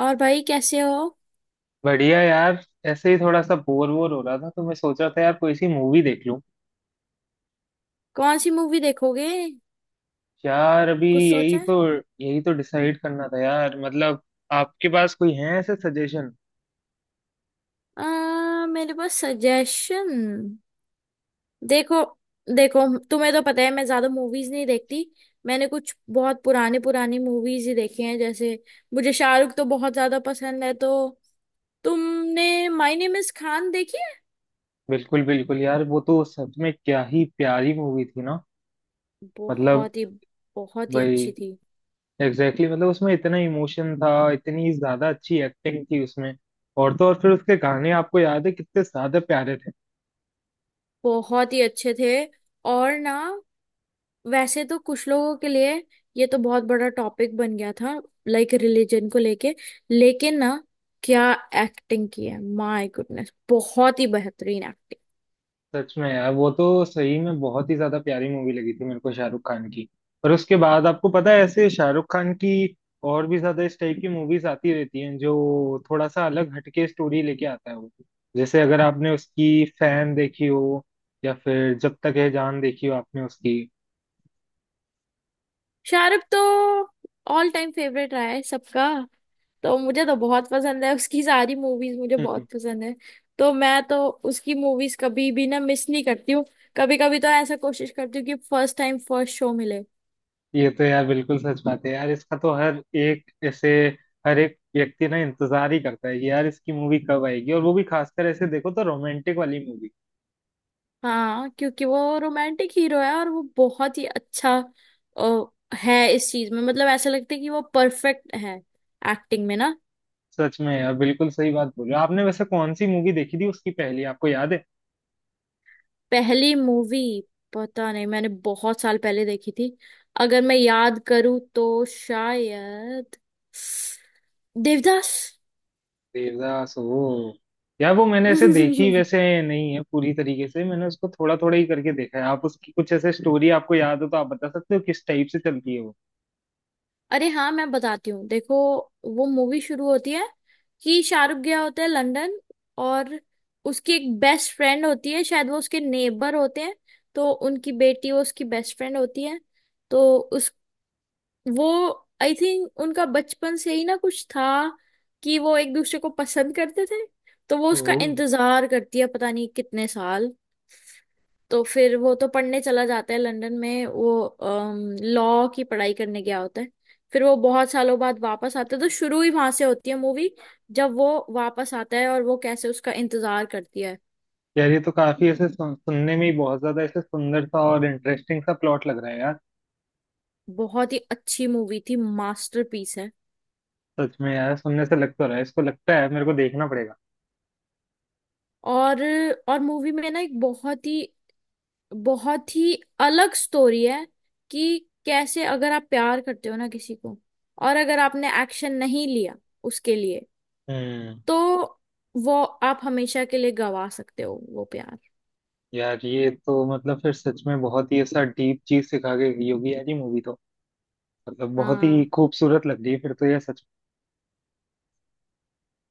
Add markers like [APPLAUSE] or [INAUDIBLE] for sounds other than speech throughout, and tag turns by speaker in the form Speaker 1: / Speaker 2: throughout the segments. Speaker 1: और भाई कैसे हो।
Speaker 2: बढ़िया यार। ऐसे ही थोड़ा सा बोर वोर हो रहा था तो मैं सोच रहा था यार कोई सी मूवी देख लूं।
Speaker 1: कौन सी मूवी देखोगे।
Speaker 2: यार अभी
Speaker 1: कुछ
Speaker 2: यही
Speaker 1: सोचा है।
Speaker 2: तो यही तो डिसाइड करना था यार मतलब। आपके पास कोई है ऐसे सजेशन?
Speaker 1: मेरे पास सजेशन। देखो देखो, तुम्हें तो पता है मैं ज्यादा मूवीज नहीं देखती। मैंने कुछ बहुत पुराने पुरानी मूवीज ही देखी हैं। जैसे मुझे शाहरुख तो बहुत ज्यादा पसंद है, तो तुमने माय नेम इज खान देखी है।
Speaker 2: बिल्कुल बिल्कुल यार वो तो सच में क्या ही प्यारी मूवी थी ना। मतलब
Speaker 1: बहुत ही अच्छी
Speaker 2: भाई
Speaker 1: थी।
Speaker 2: एग्जैक्टली मतलब उसमें इतना इमोशन था इतनी ज्यादा अच्छी एक्टिंग थी उसमें। और तो और फिर उसके गाने आपको याद है कितने ज्यादा प्यारे थे।
Speaker 1: बहुत ही अच्छे थे। और ना, वैसे तो कुछ लोगों के लिए ये तो बहुत बड़ा टॉपिक बन गया था, लाइक रिलीजन को लेके। लेकिन ना, क्या एक्टिंग की है। माय गुडनेस, बहुत ही बेहतरीन एक्टिंग।
Speaker 2: सच में यार वो तो सही में बहुत ही ज्यादा प्यारी मूवी लगी थी मेरे को शाहरुख खान की। पर उसके बाद आपको पता है ऐसे शाहरुख खान की और भी ज्यादा इस टाइप की मूवीज आती रहती हैं जो थोड़ा सा अलग हटके स्टोरी लेके आता है वो। जैसे अगर आपने उसकी फैन देखी हो या फिर जब तक है जान देखी हो आपने उसकी।
Speaker 1: शाहरुख तो ऑल टाइम फेवरेट रहा है सबका। तो मुझे तो बहुत पसंद है, उसकी सारी मूवीज मुझे बहुत
Speaker 2: हम्म।
Speaker 1: पसंद है। तो मैं तो उसकी मूवीज कभी भी ना मिस नहीं करती हूँ। कभी कभी तो ऐसा कोशिश करती हूँ कि फर्स्ट टाइम फर्स्ट शो मिले।
Speaker 2: ये तो यार बिल्कुल सच बात है यार। इसका तो हर एक ऐसे हर एक व्यक्ति ना इंतजार ही करता है कि यार इसकी मूवी कब आएगी और वो भी खासकर ऐसे देखो तो रोमांटिक वाली मूवी।
Speaker 1: हाँ, क्योंकि वो रोमांटिक हीरो है, और वो बहुत ही अच्छा अ, है इस चीज में। मतलब ऐसा लगता है कि वो परफेक्ट है एक्टिंग में ना।
Speaker 2: सच में यार बिल्कुल सही बात बोल रहे हो आपने। वैसे कौन सी मूवी देखी थी उसकी पहली आपको याद है?
Speaker 1: पहली मूवी, पता नहीं मैंने बहुत साल पहले देखी थी। अगर मैं याद करूँ तो शायद देवदास।
Speaker 2: देवदास वो। यार वो मैंने ऐसे देखी
Speaker 1: [LAUGHS]
Speaker 2: वैसे नहीं है पूरी तरीके से। मैंने उसको थोड़ा थोड़ा ही करके देखा है। आप उसकी कुछ ऐसे स्टोरी आपको याद हो तो आप बता सकते हो किस टाइप से चलती है वो।
Speaker 1: अरे हाँ, मैं बताती हूँ। देखो, वो मूवी शुरू होती है कि शाहरुख गया होता है लंदन। और उसकी एक बेस्ट फ्रेंड होती है, शायद वो उसके नेबर होते हैं, तो उनकी बेटी वो उसकी बेस्ट फ्रेंड होती है। तो उस वो आई थिंक उनका बचपन से ही ना कुछ था, कि वो एक दूसरे को पसंद करते थे। तो वो
Speaker 2: ओ।
Speaker 1: उसका इंतजार करती है, पता नहीं कितने साल। तो फिर वो तो पढ़ने चला जाता है लंदन में, वो लॉ की पढ़ाई करने गया होता है। फिर वो बहुत सालों बाद वापस आता है, तो शुरू ही वहां से होती है मूवी, जब वो वापस आता है और वो कैसे उसका इंतजार करती है।
Speaker 2: यार ये तो काफी ऐसे सुनने में ही बहुत ज्यादा ऐसे सुंदर सा और इंटरेस्टिंग सा प्लॉट लग रहा है यार।
Speaker 1: बहुत ही अच्छी मूवी थी, मास्टरपीस है।
Speaker 2: सच में यार सुनने से लग तो रहा है इसको लगता है मेरे को देखना पड़ेगा।
Speaker 1: और और मूवी में ना एक बहुत ही अलग स्टोरी है, कि कैसे अगर आप प्यार करते हो ना किसी को, और अगर आपने एक्शन नहीं लिया उसके लिए,
Speaker 2: हम्म।
Speaker 1: तो वो आप हमेशा के लिए गवा सकते हो वो प्यार।
Speaker 2: यार ये तो मतलब फिर सच में बहुत ही ऐसा डीप चीज सिखा के गई होगी यार ये मूवी तो। मतलब बहुत ही
Speaker 1: हाँ।
Speaker 2: खूबसूरत लग रही है फिर तो ये सच।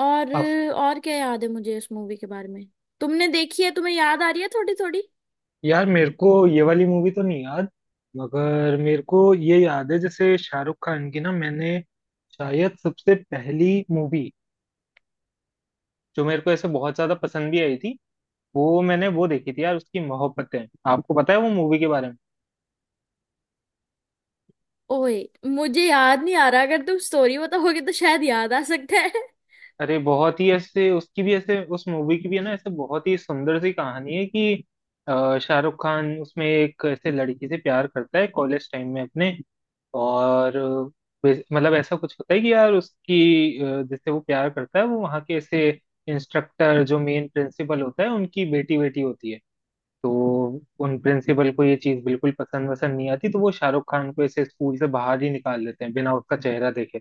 Speaker 1: और
Speaker 2: आप।
Speaker 1: और क्या याद है मुझे इस मूवी के बारे में। तुमने देखी है, तुम्हें याद आ रही है थोड़ी थोड़ी।
Speaker 2: यार मेरे को ये वाली मूवी तो नहीं याद। मगर मेरे को ये याद है जैसे शाहरुख खान की ना मैंने शायद सबसे पहली मूवी जो मेरे को ऐसे बहुत ज्यादा पसंद भी आई थी वो मैंने वो देखी थी यार उसकी मोहब्बतें। आपको पता है वो मूवी के बारे में?
Speaker 1: ओए, मुझे याद नहीं आ रहा। अगर तुम स्टोरी बताओगे तो शायद याद आ सकता है।
Speaker 2: अरे बहुत ही ऐसे उसकी भी ऐसे उस मूवी की भी है ना ऐसे बहुत ही सुंदर सी कहानी है कि शाहरुख खान उसमें एक ऐसे लड़की से प्यार करता है कॉलेज टाइम में अपने। और मतलब ऐसा कुछ होता है कि यार उसकी जिससे वो प्यार करता है वो वहाँ के ऐसे इंस्ट्रक्टर जो मेन प्रिंसिपल होता है उनकी बेटी बेटी होती है। तो उन प्रिंसिपल को ये चीज़ बिल्कुल पसंद वसंद नहीं आती तो वो शाहरुख खान को ऐसे स्कूल से बाहर ही निकाल देते हैं बिना उसका चेहरा देखे।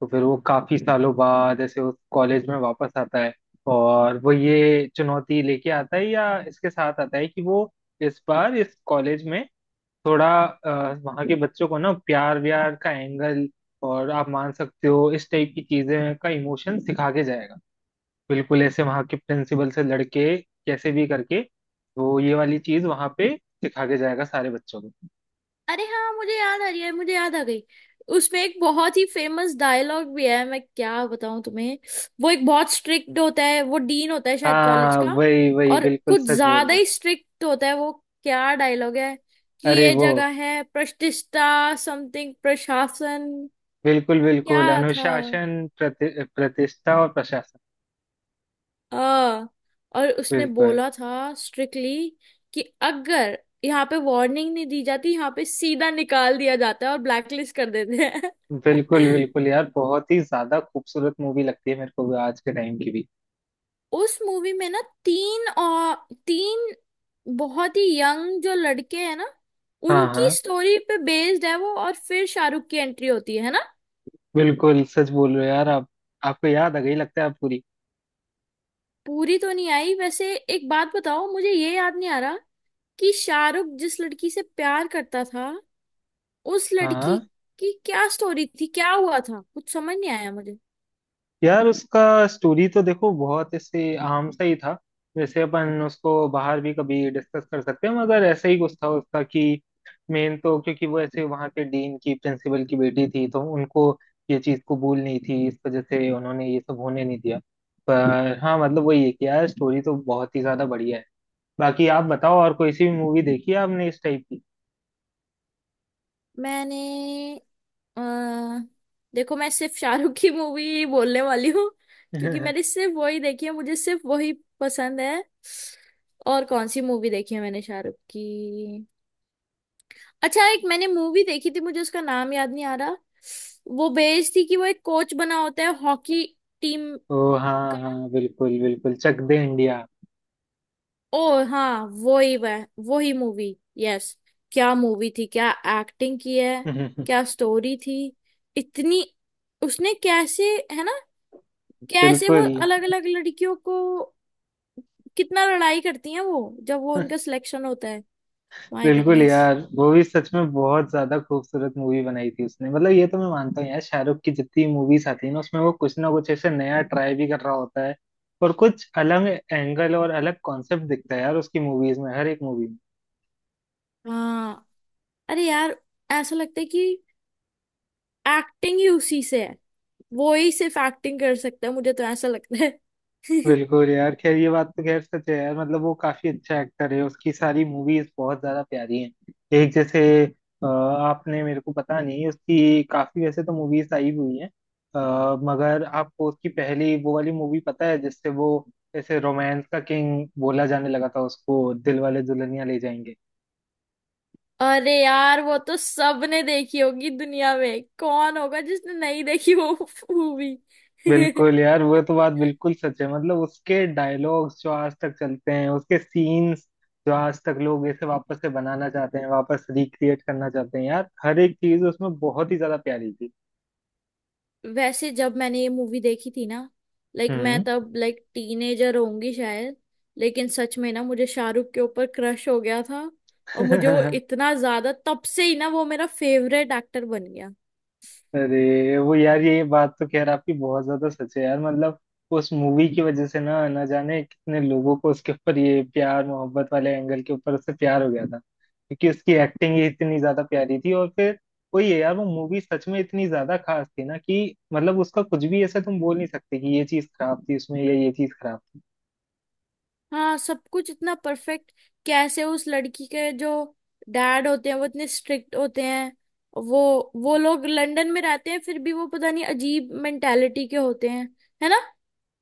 Speaker 2: तो फिर वो काफी सालों बाद ऐसे उस कॉलेज में वापस आता है और वो ये चुनौती लेके आता है या इसके साथ आता है कि वो इस बार इस कॉलेज में थोड़ा वहाँ के बच्चों को ना प्यार व्यार का एंगल और आप मान सकते हो इस टाइप की चीजें का इमोशन सिखा के जाएगा। बिल्कुल ऐसे वहाँ के प्रिंसिपल से लड़के कैसे भी करके वो ये वाली चीज वहाँ पे सिखा के जाएगा सारे बच्चों को।
Speaker 1: अरे हाँ, मुझे याद आ रही है, मुझे याद आ गई। उसमें एक बहुत ही फेमस डायलॉग भी है, मैं क्या बताऊं तुम्हें। वो एक बहुत स्ट्रिक्ट होता है, वो डीन होता है शायद कॉलेज
Speaker 2: हाँ
Speaker 1: का।
Speaker 2: वही वही
Speaker 1: और
Speaker 2: बिल्कुल
Speaker 1: कुछ
Speaker 2: सच बोल
Speaker 1: ज्यादा
Speaker 2: रहे
Speaker 1: ही
Speaker 2: हैं।
Speaker 1: स्ट्रिक्ट होता है वो। क्या डायलॉग है कि
Speaker 2: अरे
Speaker 1: ये
Speaker 2: वो
Speaker 1: जगह है प्रतिष्ठा, समथिंग प्रशासन।
Speaker 2: बिल्कुल बिल्कुल
Speaker 1: क्या था
Speaker 2: अनुशासन प्रतिष्ठा और प्रशासन।
Speaker 1: आ, और उसने
Speaker 2: बिल्कुल।
Speaker 1: बोला था स्ट्रिक्टली कि अगर यहाँ पे वार्निंग नहीं दी जाती, यहाँ पे सीधा निकाल दिया जाता है और ब्लैकलिस्ट कर देते हैं।
Speaker 2: बिल्कुल
Speaker 1: [LAUGHS]
Speaker 2: बिल्कुल यार बहुत ही ज्यादा खूबसूरत मूवी लगती है मेरे को भी आज के टाइम की भी।
Speaker 1: उस मूवी में ना तीन और तीन बहुत ही यंग जो लड़के हैं ना,
Speaker 2: हाँ
Speaker 1: उनकी
Speaker 2: हाँ
Speaker 1: स्टोरी पे बेस्ड है वो, और फिर शाहरुख की एंट्री होती है ना।
Speaker 2: बिल्कुल सच बोल रहे हो यार आप। आपको याद आ गई लगता है आप पूरी।
Speaker 1: पूरी तो नहीं आई। वैसे एक बात बताओ, मुझे ये याद नहीं आ रहा कि शाहरुख जिस लड़की से प्यार करता था, उस
Speaker 2: हाँ
Speaker 1: लड़की
Speaker 2: हाँ।
Speaker 1: की क्या स्टोरी थी, क्या हुआ था, कुछ समझ नहीं आया मुझे।
Speaker 2: यार उसका स्टोरी तो देखो बहुत ऐसे आम सा ही था। वैसे अपन उसको बाहर भी कभी डिस्कस कर सकते हैं मगर ऐसा ही कुछ था उसका कि मेन तो क्योंकि वो ऐसे वहाँ के डीन की प्रिंसिपल की बेटी थी तो उनको ये चीज़ कबूल नहीं थी इस वजह से उन्होंने ये सब होने नहीं दिया। पर हाँ मतलब वही है कि यार स्टोरी तो बहुत ही ज्यादा बढ़िया है। बाकी आप बताओ और कोई सी भी मूवी देखी है आपने इस टाइप की?
Speaker 1: मैंने अ, देखो, मैं सिर्फ शाहरुख की मूवी बोलने वाली हूँ, क्योंकि मैंने
Speaker 2: [LAUGHS]
Speaker 1: सिर्फ वही देखी है, मुझे सिर्फ वही पसंद है। और कौन सी मूवी देखी है मैंने शाहरुख की। अच्छा, एक मैंने मूवी देखी थी, मुझे उसका नाम याद नहीं आ रहा। वो बेस्ड थी कि वो एक कोच बना होता है हॉकी टीम।
Speaker 2: ओ हाँ हाँ बिल्कुल बिल्कुल चक दे इंडिया।
Speaker 1: ओ हाँ, वो ही मूवी। यस, क्या मूवी थी, क्या एक्टिंग की है, क्या
Speaker 2: [LAUGHS]
Speaker 1: स्टोरी थी, इतनी। उसने कैसे, है ना, कैसे वो
Speaker 2: बिल्कुल
Speaker 1: अलग अलग लड़कियों को कितना लड़ाई करती हैं वो जब वो
Speaker 2: [LAUGHS]
Speaker 1: उनका सिलेक्शन होता है। माय
Speaker 2: बिल्कुल
Speaker 1: गुडनेस।
Speaker 2: यार वो भी सच में बहुत ज्यादा खूबसूरत मूवी बनाई थी उसने। मतलब ये तो मैं मानता हूँ यार शाहरुख की जितनी मूवीज आती है ना उसमें वो कुछ ना कुछ ऐसे नया ट्राई भी कर रहा होता है। और कुछ अलग एंगल और अलग कॉन्सेप्ट दिखता है यार उसकी मूवीज में हर एक मूवी।
Speaker 1: हाँ, अरे यार, ऐसा लगता है कि एक्टिंग ही उसी से है, वो ही सिर्फ एक्टिंग कर सकता है, मुझे तो ऐसा लगता है। [LAUGHS]
Speaker 2: बिल्कुल यार खैर ये बात तो खैर सच है यार मतलब वो काफी अच्छा एक्टर है उसकी सारी मूवीज बहुत ज्यादा प्यारी हैं। एक जैसे आपने मेरे को पता नहीं उसकी काफी वैसे तो मूवीज आई हुई हैं। मगर आपको उसकी पहली वो वाली मूवी पता है जिससे वो ऐसे रोमांस का किंग बोला जाने लगा था उसको दिल वाले दुल्हनिया ले जाएंगे।
Speaker 1: अरे यार, वो तो सबने देखी होगी, दुनिया में कौन होगा जिसने नहीं देखी वो मूवी।
Speaker 2: बिल्कुल यार वो तो बात
Speaker 1: [LAUGHS]
Speaker 2: बिल्कुल सच है मतलब उसके डायलॉग्स जो आज तक चलते हैं उसके सीन्स जो आज तक लोग इसे वापस से बनाना चाहते हैं वापस रिक्रिएट करना चाहते हैं यार हर एक चीज उसमें बहुत ही ज्यादा प्यारी थी।
Speaker 1: वैसे जब मैंने ये मूवी देखी थी ना, लाइक मैं
Speaker 2: हम्म।
Speaker 1: तब लाइक टीनेजर होंगी शायद, लेकिन सच में ना मुझे शाहरुख के ऊपर क्रश हो गया था। और मुझे वो
Speaker 2: [LAUGHS]
Speaker 1: इतना ज्यादा तब से ही ना वो मेरा फेवरेट एक्टर बन गया।
Speaker 2: अरे वो यार ये बात तो खैर आपकी बहुत ज्यादा सच है यार मतलब उस मूवी की वजह से ना ना जाने कितने लोगों को उसके ऊपर ये प्यार मोहब्बत वाले एंगल के ऊपर उससे प्यार हो गया था क्योंकि उसकी एक्टिंग ही इतनी ज्यादा प्यारी थी और फिर वही है यार वो मूवी सच में इतनी ज्यादा खास थी ना कि मतलब उसका कुछ भी ऐसा तुम बोल नहीं सकते कि ये चीज खराब थी उसमें या ये चीज खराब थी।
Speaker 1: हाँ, सब कुछ इतना परफेक्ट। कैसे उस लड़की के जो डैड होते हैं वो इतने स्ट्रिक्ट होते हैं, वो वो लोग लंदन में रहते हैं फिर भी वो पता नहीं अजीब मेंटालिटी के होते हैं, है ना।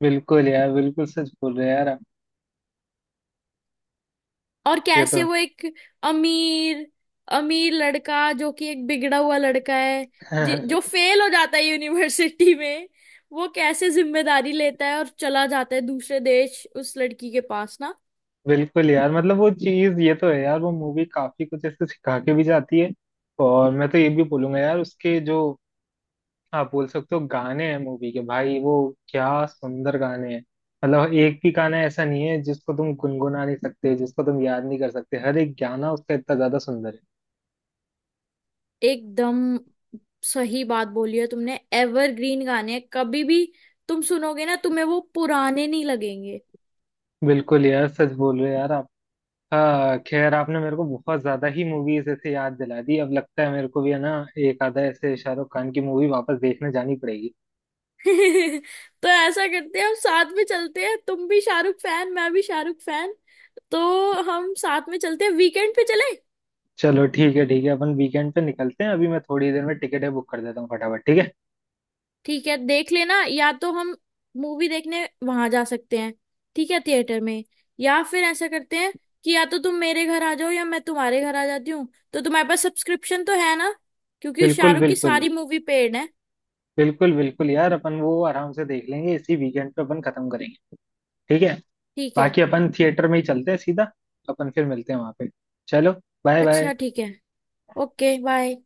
Speaker 2: बिल्कुल यार बिल्कुल सच बोल रहे हैं यार आप।
Speaker 1: और
Speaker 2: ये
Speaker 1: कैसे वो एक अमीर, अमीर लड़का जो कि एक बिगड़ा हुआ लड़का है,
Speaker 2: तो
Speaker 1: जो
Speaker 2: [LAUGHS]
Speaker 1: फेल हो जाता है यूनिवर्सिटी [LAUGHS] में, वो कैसे जिम्मेदारी लेता है और चला जाता है दूसरे देश उस लड़की के पास ना।
Speaker 2: बिल्कुल यार मतलब वो चीज ये तो है यार वो मूवी काफी कुछ ऐसे सिखा के भी जाती है। और मैं तो ये भी बोलूंगा यार उसके जो आप बोल सकते हो गाने हैं मूवी के भाई वो क्या सुंदर गाने हैं। मतलब एक भी गाना ऐसा नहीं है जिसको तुम गुनगुना नहीं सकते जिसको तुम याद नहीं कर सकते हर एक गाना उसका इतना ज्यादा सुंदर है।
Speaker 1: एकदम सही बात बोली है तुमने, एवरग्रीन गाने हैं। कभी भी तुम सुनोगे ना, तुम्हें वो पुराने नहीं लगेंगे।
Speaker 2: बिल्कुल यार सच बोल रहे हो यार आप। हाँ खैर आपने मेरे को बहुत ज्यादा ही मूवीज ऐसे याद दिला दी अब लगता है मेरे को भी है ना एक आधा ऐसे शाहरुख खान की मूवी वापस देखने जानी पड़ेगी।
Speaker 1: [LAUGHS] तो ऐसा करते हैं, हम साथ में चलते हैं, तुम भी शाहरुख फैन, मैं भी शाहरुख फैन, तो हम साथ में चलते हैं वीकेंड पे चले।
Speaker 2: चलो ठीक है अपन वीकेंड पे निकलते हैं अभी मैं थोड़ी देर में टिकटें बुक कर देता हूँ फटाफट ठीक है।
Speaker 1: ठीक है, देख लेना, या तो हम मूवी देखने वहां जा सकते हैं, ठीक है, थिएटर में, या फिर ऐसा करते हैं कि या तो तुम मेरे घर आ जाओ या मैं तुम्हारे घर आ जाती हूँ। तो तुम्हारे पास सब्सक्रिप्शन तो है ना, क्योंकि
Speaker 2: बिल्कुल
Speaker 1: शाहरुख की
Speaker 2: बिल्कुल
Speaker 1: सारी मूवी पेड है।
Speaker 2: बिल्कुल बिल्कुल यार अपन वो आराम से देख लेंगे इसी वीकेंड पे अपन खत्म करेंगे। ठीक है।
Speaker 1: ठीक है।
Speaker 2: बाकी अपन थिएटर में ही चलते हैं सीधा। अपन फिर मिलते हैं वहां पे। चलो बाय
Speaker 1: अच्छा
Speaker 2: बाय।
Speaker 1: ठीक है, ओके बाय।